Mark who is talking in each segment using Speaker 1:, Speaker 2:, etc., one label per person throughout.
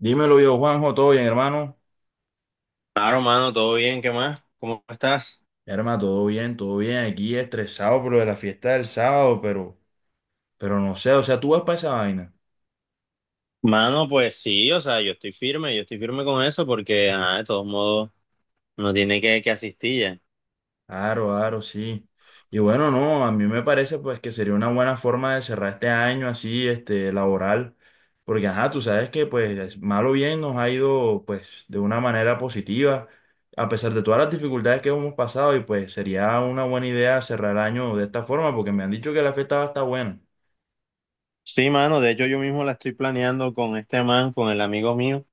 Speaker 1: Dímelo yo, Juanjo, ¿todo bien, hermano?
Speaker 2: Claro, mano, todo bien, ¿qué más? ¿Cómo estás?
Speaker 1: Hermano, todo bien, todo bien. Aquí estresado por lo de la fiesta del sábado, pero no sé, o sea, tú vas para esa vaina.
Speaker 2: Mano, pues sí, o sea, yo estoy firme con eso porque, ajá, de todos modos, uno tiene que asistir ya.
Speaker 1: Claro, claro, sí. Y bueno, no, a mí me parece pues que sería una buena forma de cerrar este año, así, este, laboral, porque ajá, tú sabes que pues mal o bien nos ha ido pues de una manera positiva, a pesar de todas las dificultades que hemos pasado, y pues sería una buena idea cerrar el año de esta forma, porque me han dicho que la fiesta va a estar buena.
Speaker 2: Sí, mano, de hecho yo mismo la estoy planeando con este man, con el amigo mío,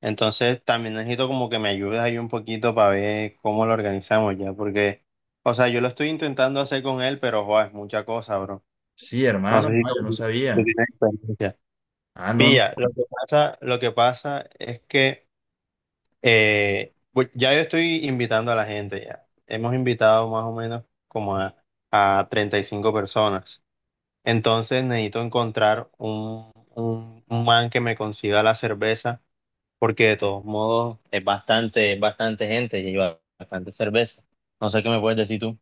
Speaker 2: entonces también necesito como que me ayudes ahí un poquito para ver cómo lo organizamos ya, porque, o sea, yo lo estoy intentando hacer con él, pero, joder, es mucha cosa, bro.
Speaker 1: Sí,
Speaker 2: No
Speaker 1: hermano,
Speaker 2: sé si
Speaker 1: no, yo no
Speaker 2: tú
Speaker 1: sabía.
Speaker 2: tienes experiencia.
Speaker 1: Ah, no, no.
Speaker 2: Pilla, lo que pasa es que... Pues ya yo estoy invitando a la gente ya. Hemos invitado más o menos como a 35 personas. Entonces necesito encontrar un man que me consiga la cerveza, porque de todos modos es bastante gente y lleva bastante cerveza. No sé qué me puedes decir tú.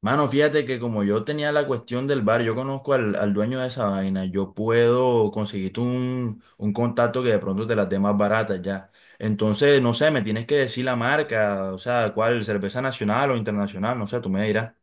Speaker 1: Mano, fíjate que como yo tenía la cuestión del bar, yo conozco al dueño de esa vaina, yo puedo conseguirte un contacto que de pronto te las dé más baratas ya. Entonces, no sé, me tienes que decir la marca, o sea, cuál, cerveza nacional o internacional, no sé, tú me dirás.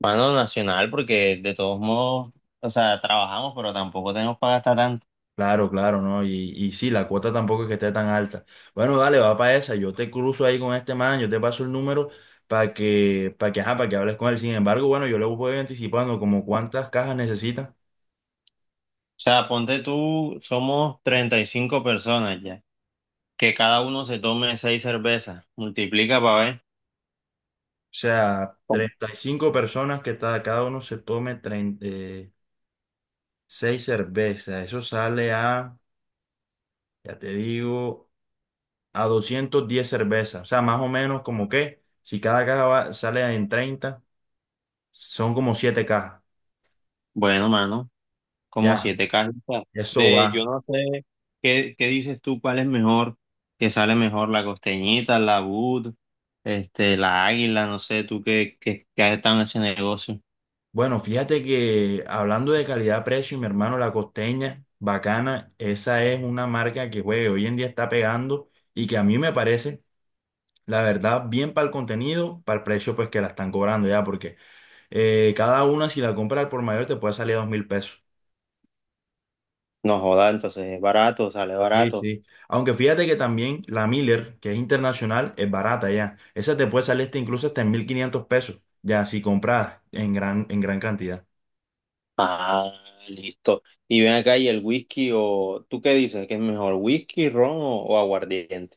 Speaker 2: Mano, nacional, porque de todos modos, o sea, trabajamos pero tampoco tenemos para gastar tanto.
Speaker 1: Claro, claro, ¿no? Y sí, la cuota tampoco es que esté tan alta. Bueno, dale, va para esa, yo te cruzo ahí con este man, yo te paso el número para que, ajá, para que hables con él. Sin embargo, bueno, yo le voy anticipando como cuántas cajas necesitas.
Speaker 2: O sea, ponte tú, somos 35 personas ya. Que cada uno se tome 6 cervezas. Multiplica para ver.
Speaker 1: O sea, 35 personas que cada uno se tome 36 cervezas. Eso sale a, ya te digo, a 210 cervezas. O sea, más o menos como que, si cada caja sale en 30, son como 7 cajas.
Speaker 2: Bueno, mano, como
Speaker 1: Ya,
Speaker 2: 7 cajas.
Speaker 1: eso
Speaker 2: De, yo
Speaker 1: va.
Speaker 2: no sé, ¿qué, qué dices tú? ¿Cuál es mejor? ¿Qué sale mejor? ¿La costeñita, la Bud, la águila? No sé, tú qué has estado en ese negocio.
Speaker 1: Bueno, fíjate que hablando de calidad-precio, mi hermano, la Costeña, bacana, esa es una marca que, güey, hoy en día está pegando y que a mí me parece la verdad bien para el contenido, para el precio pues que la están cobrando ya, porque cada una, si la compras al por mayor, te puede salir a 2000 pesos.
Speaker 2: No joda, entonces es barato, sale
Speaker 1: Sí,
Speaker 2: barato.
Speaker 1: sí. Aunque fíjate que también la Miller, que es internacional, es barata ya. Esa te puede salir hasta incluso hasta en 1500 pesos, ya si compras en gran cantidad.
Speaker 2: Ah, listo. Y ven acá, ¿y el whisky o tú qué dices? ¿Qué es mejor? ¿Whisky, ron o aguardiente?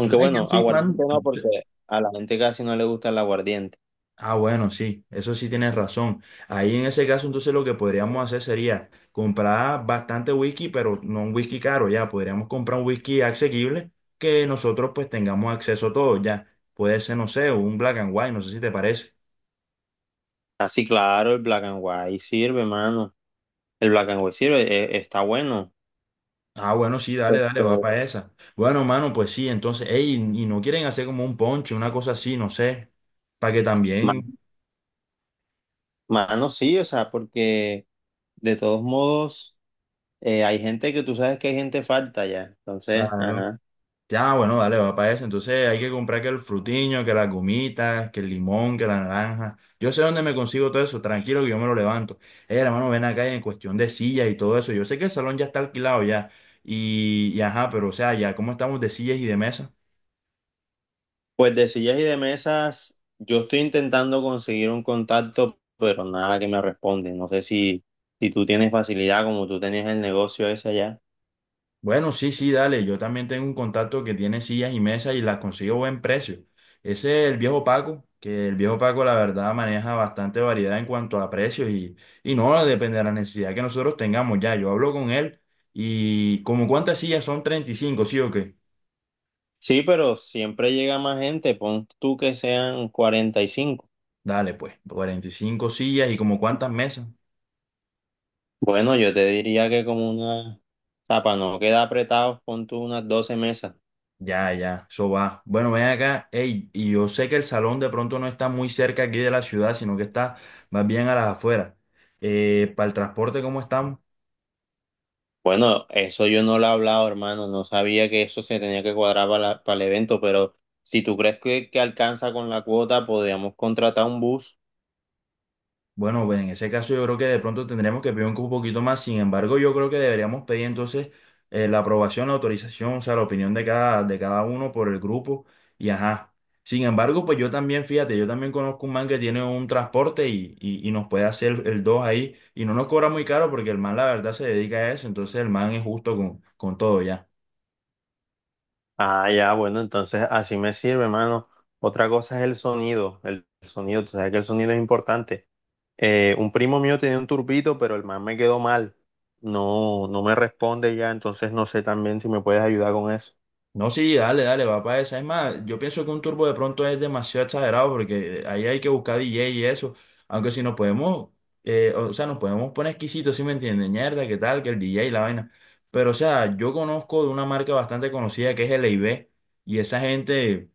Speaker 1: Tú sabes que yo
Speaker 2: bueno,
Speaker 1: soy
Speaker 2: aguardiente
Speaker 1: fan.
Speaker 2: no, porque a la gente casi no le gusta el aguardiente.
Speaker 1: Ah, bueno, sí, eso sí tienes razón. Ahí en ese caso, entonces lo que podríamos hacer sería comprar bastante whisky, pero no un whisky caro, ya. Podríamos comprar un whisky asequible que nosotros pues tengamos acceso a todo, ya. Puede ser, no sé, un black and white, no sé si te parece.
Speaker 2: Así claro, el black and white sirve, mano. El black and white sirve, está bueno.
Speaker 1: Ah, bueno, sí, dale, dale,
Speaker 2: Este,
Speaker 1: va para esa. Bueno, mano, pues sí, entonces, ey, ¿y no quieren hacer como un ponche, una cosa así, no sé, para que
Speaker 2: ma-
Speaker 1: también,
Speaker 2: mano, sí, o sea, porque de todos modos hay gente, que tú sabes que hay gente falta ya. Entonces,
Speaker 1: claro?
Speaker 2: ajá.
Speaker 1: Ya, bueno, dale, va para eso. Entonces hay que comprar que el frutiño, que las gomitas, que el limón, que la naranja. Yo sé dónde me consigo todo eso, tranquilo que yo me lo levanto. Hermano, ven acá en cuestión de sillas y todo eso. Yo sé que el salón ya está alquilado ya. Y ajá, pero o sea, ya, ¿cómo estamos de sillas y de mesas?
Speaker 2: Pues de sillas y de mesas, yo estoy intentando conseguir un contacto, pero nada que me responde. No sé si tú tienes facilidad, como tú tenías el negocio ese allá.
Speaker 1: Bueno, sí, sí, dale. Yo también tengo un contacto que tiene sillas y mesas y las consigo a buen precio. Ese es el viejo Paco, que el viejo Paco la verdad maneja bastante variedad en cuanto a precios, y no depende de la necesidad que nosotros tengamos ya. Yo hablo con él y como cuántas sillas, ¿son 35, sí o qué?
Speaker 2: Sí, pero siempre llega más gente. Pon tú que sean 45.
Speaker 1: Dale, pues, 45 sillas. ¿Y como cuántas mesas?
Speaker 2: Bueno, yo te diría que como una, o sea, para no quedar apretados, pon tú unas 12 mesas.
Speaker 1: Ya, ya, eso va. Bueno, ven acá, ey, y yo sé que el salón de pronto no está muy cerca aquí de la ciudad, sino que está más bien a las afueras. ¿Para el transporte cómo estamos?
Speaker 2: Bueno, eso yo no lo he hablado, hermano, no sabía que eso se tenía que cuadrar para, para el evento, pero si tú crees que alcanza con la cuota, podríamos contratar un bus.
Speaker 1: Bueno, pues en ese caso yo creo que de pronto tendremos que pedir un poquito más. Sin embargo, yo creo que deberíamos pedir entonces la aprobación, la autorización, o sea, la opinión de cada uno por el grupo. Y ajá. Sin embargo, pues yo también, fíjate, yo también conozco un man que tiene un transporte y, y nos puede hacer el 2 ahí. Y no nos cobra muy caro porque el man la verdad se dedica a eso. Entonces el man es justo con todo ya.
Speaker 2: Ah, ya, bueno, entonces así me sirve, hermano. Otra cosa es el sonido, tú sabes que el sonido es importante. Un primo mío tenía un turbito, pero el man me quedó mal. No, no me responde ya, entonces no sé también si me puedes ayudar con eso.
Speaker 1: No, sí, dale, dale, va para esa. Es más, yo pienso que un turbo de pronto es demasiado exagerado porque ahí hay que buscar DJ y eso. Aunque si nos podemos, o sea, nos podemos poner exquisitos, ¿sí me entiendes? Mierda, qué tal, que el DJ y la vaina. Pero, o sea, yo conozco de una marca bastante conocida que es LIB, y esa gente,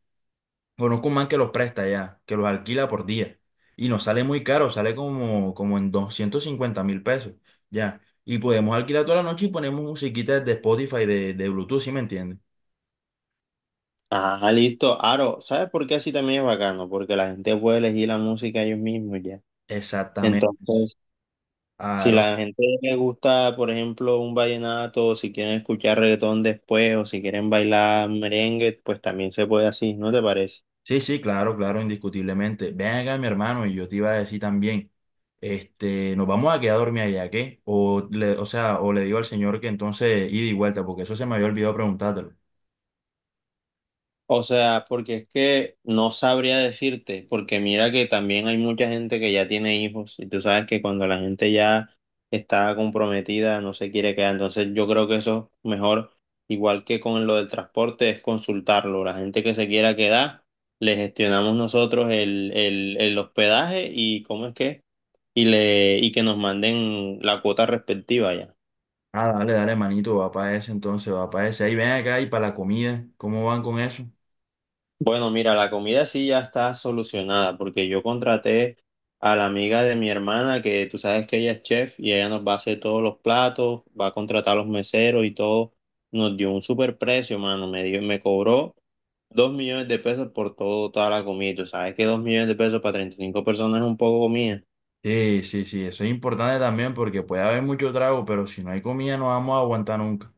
Speaker 1: conozco un man que los presta ya, que los alquila por día. Y nos sale muy caro, sale como, como en 250000 pesos, ya. Y podemos alquilar toda la noche y ponemos musiquita de Spotify, de Bluetooth, ¿sí me entiendes?
Speaker 2: Ah, listo. Aro, ¿sabes por qué así también es bacano? Porque la gente puede elegir la música ellos mismos ya.
Speaker 1: Exactamente.
Speaker 2: Entonces, si la
Speaker 1: Claro.
Speaker 2: gente le gusta, por ejemplo, un vallenato, o si quieren escuchar reggaetón después, o si quieren bailar merengue, pues también se puede así, ¿no te parece?
Speaker 1: Sí, sí, claro, claro, indiscutiblemente. Ven acá, mi hermano, y yo te iba a decir también, este, nos vamos a quedar a dormir allá, ¿qué? O le, o sea, o le digo al señor que entonces ida y vuelta, porque eso se me había olvidado preguntártelo.
Speaker 2: O sea, porque es que no sabría decirte, porque mira que también hay mucha gente que ya tiene hijos y tú sabes que cuando la gente ya está comprometida no se quiere quedar, entonces yo creo que eso es mejor, igual que con lo del transporte, es consultarlo. La gente que se quiera quedar, le gestionamos nosotros el hospedaje y cómo es que, y le, y que nos manden la cuota respectiva ya.
Speaker 1: Ah, dale, dale, manito, va para ese entonces, va para ese. Ahí ven acá, y para la comida, ¿cómo van con eso?
Speaker 2: Bueno, mira, la comida sí ya está solucionada porque yo contraté a la amiga de mi hermana, que tú sabes que ella es chef, y ella nos va a hacer todos los platos, va a contratar a los meseros y todo. Nos dio un super precio, mano. Me cobró 2 millones de pesos por todo, toda la comida. Y tú sabes que 2 millones de pesos para 35 personas es un poco comida.
Speaker 1: Sí, sí, sí, eso es importante también porque puede haber mucho trago, pero si no hay comida no vamos a aguantar nunca.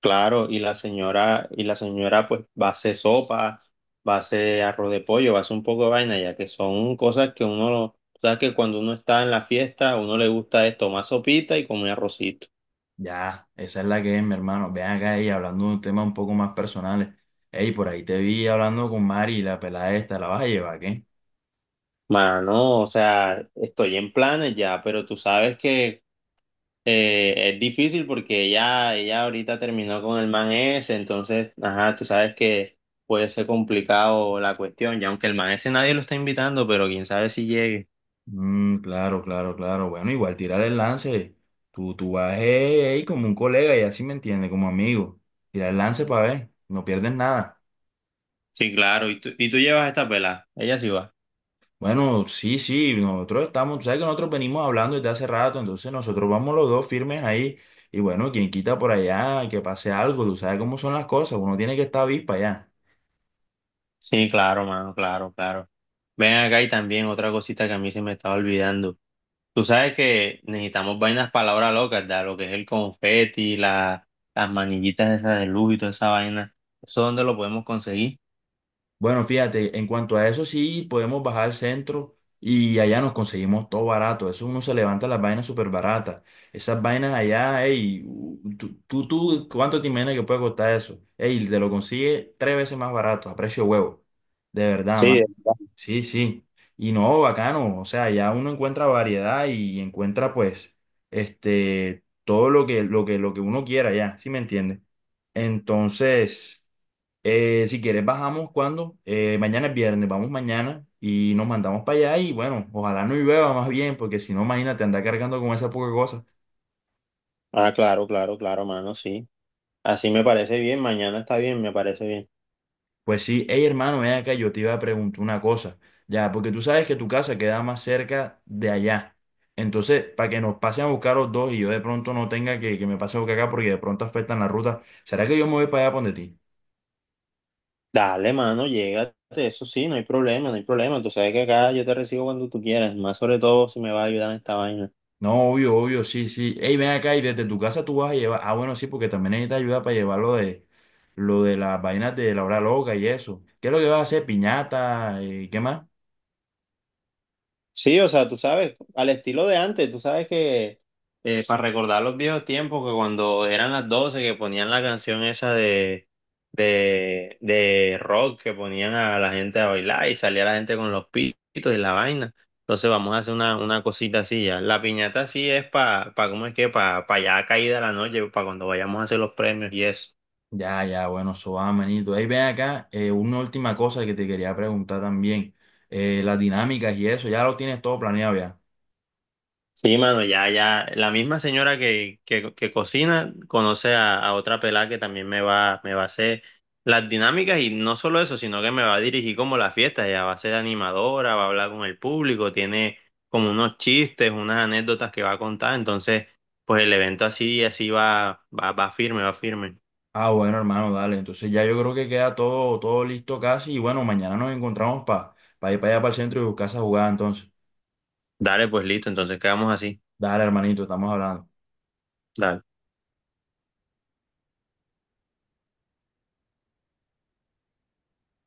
Speaker 2: Claro, y la señora pues va a hacer sopa, va a hacer arroz de pollo, va a hacer un poco de vaina, ya que son cosas que uno, sabes que cuando uno está en la fiesta, a uno le gusta es tomar sopita y comer arrocito.
Speaker 1: Ya, esa es la que es, mi hermano. Ven acá, y hablando de un tema un poco más personales. Ey, por ahí te vi hablando con Mari, la pelada esta, ¿la vas a llevar, qué?
Speaker 2: Mano, o sea, estoy en planes ya, pero tú sabes que es difícil porque ella ahorita terminó con el man ese, entonces, ajá, tú sabes que puede ser complicado la cuestión, ya aunque el man ese nadie lo está invitando, pero quién sabe si llegue.
Speaker 1: Mm, claro, claro, claro. Bueno, igual tirar el lance. Tú vas ahí como un colega, y así me entiende, como amigo. Tirar el lance para ver, no pierdes nada.
Speaker 2: Sí, claro. ¿Y tú llevas esta pelada? Ella sí va.
Speaker 1: Bueno, sí, sí, nosotros estamos, tú sabes que nosotros venimos hablando desde hace rato, entonces nosotros vamos los dos firmes ahí. Y bueno, quien quita por allá, que pase algo, tú sabes cómo son las cosas, uno tiene que estar avispa allá.
Speaker 2: Sí, claro, mano, claro, claro. Ven acá y también otra cosita que a mí se me estaba olvidando. Tú sabes que necesitamos vainas palabras locas, ¿verdad? Lo que es el confeti, las manillitas esas de luz y toda esa vaina. ¿Eso dónde lo podemos conseguir?
Speaker 1: Bueno, fíjate, en cuanto a eso sí podemos bajar al centro y allá nos conseguimos todo barato. Eso uno se levanta las vainas súper baratas. Esas vainas allá, ey, tú, tú, ¿cuánto te imaginas que puede costar eso? Ey, te lo consigue tres veces más barato, a precio de huevo. De verdad,
Speaker 2: Sí,
Speaker 1: man.
Speaker 2: de verdad.
Speaker 1: Sí, sí. Y no, bacano. O sea, ya uno encuentra variedad y encuentra pues, este, todo lo que, lo que uno quiera ya, ¿sí me entiendes? Entonces. Si quieres, bajamos cuando. Mañana es viernes, vamos mañana y nos mandamos para allá, y bueno, ojalá no llueva más bien, porque si no, imagínate, andar cargando con esa poca cosa.
Speaker 2: Ah, claro, claro, claro, mano, sí. Así me parece bien, mañana está bien, me parece bien.
Speaker 1: Pues sí, hey hermano, ven acá, yo te iba a preguntar una cosa, ya, porque tú sabes que tu casa queda más cerca de allá. Entonces, para que nos pasen a buscar los dos y yo de pronto no tenga que me pase a buscar acá porque de pronto afectan la ruta, ¿será que yo me voy para allá donde ti?
Speaker 2: Dale, mano, llégate, eso sí, no hay problema, no hay problema. Tú sabes que acá yo te recibo cuando tú quieras, más sobre todo si me va a ayudar en esta vaina.
Speaker 1: No, obvio, obvio, sí, sí. Ey, ven acá, y desde tu casa tú vas a llevar. Ah, bueno, sí, porque también necesitas ayuda para llevar lo de las vainas de la hora loca y eso. ¿Qué es lo que vas a hacer? ¿Piñata? ¿Y qué más?
Speaker 2: Sí, o sea, tú sabes, al estilo de antes, tú sabes que para recordar los viejos tiempos, que cuando eran las doce, que ponían la canción esa de rock, que ponían a la gente a bailar y salía la gente con los pitos y la vaina. Entonces vamos a hacer una cosita así ya. La piñata sí es para, ¿cómo es que? Para pa pa ya caída la noche, para cuando vayamos a hacer los premios y eso.
Speaker 1: Ya, ya, bueno, eso va, manito. Ey, ven acá, una última cosa que te quería preguntar también. Las dinámicas y eso, ya lo tienes todo planeado ya.
Speaker 2: Sí, mano, ya, ya. La misma señora que cocina conoce a otra pelada que también me va a hacer las dinámicas, y no solo eso, sino que me va a dirigir como la fiesta. Ella va a ser animadora, va a hablar con el público, tiene como unos chistes, unas anécdotas que va a contar. Entonces, pues el evento así, así va firme, va firme.
Speaker 1: Ah, bueno, hermano, dale. Entonces ya yo creo que queda todo, todo listo casi. Y bueno, mañana nos encontramos para ir para allá para el centro y buscar esa jugada entonces.
Speaker 2: Dale, pues listo, entonces quedamos así.
Speaker 1: Dale, hermanito, estamos hablando.
Speaker 2: Dale.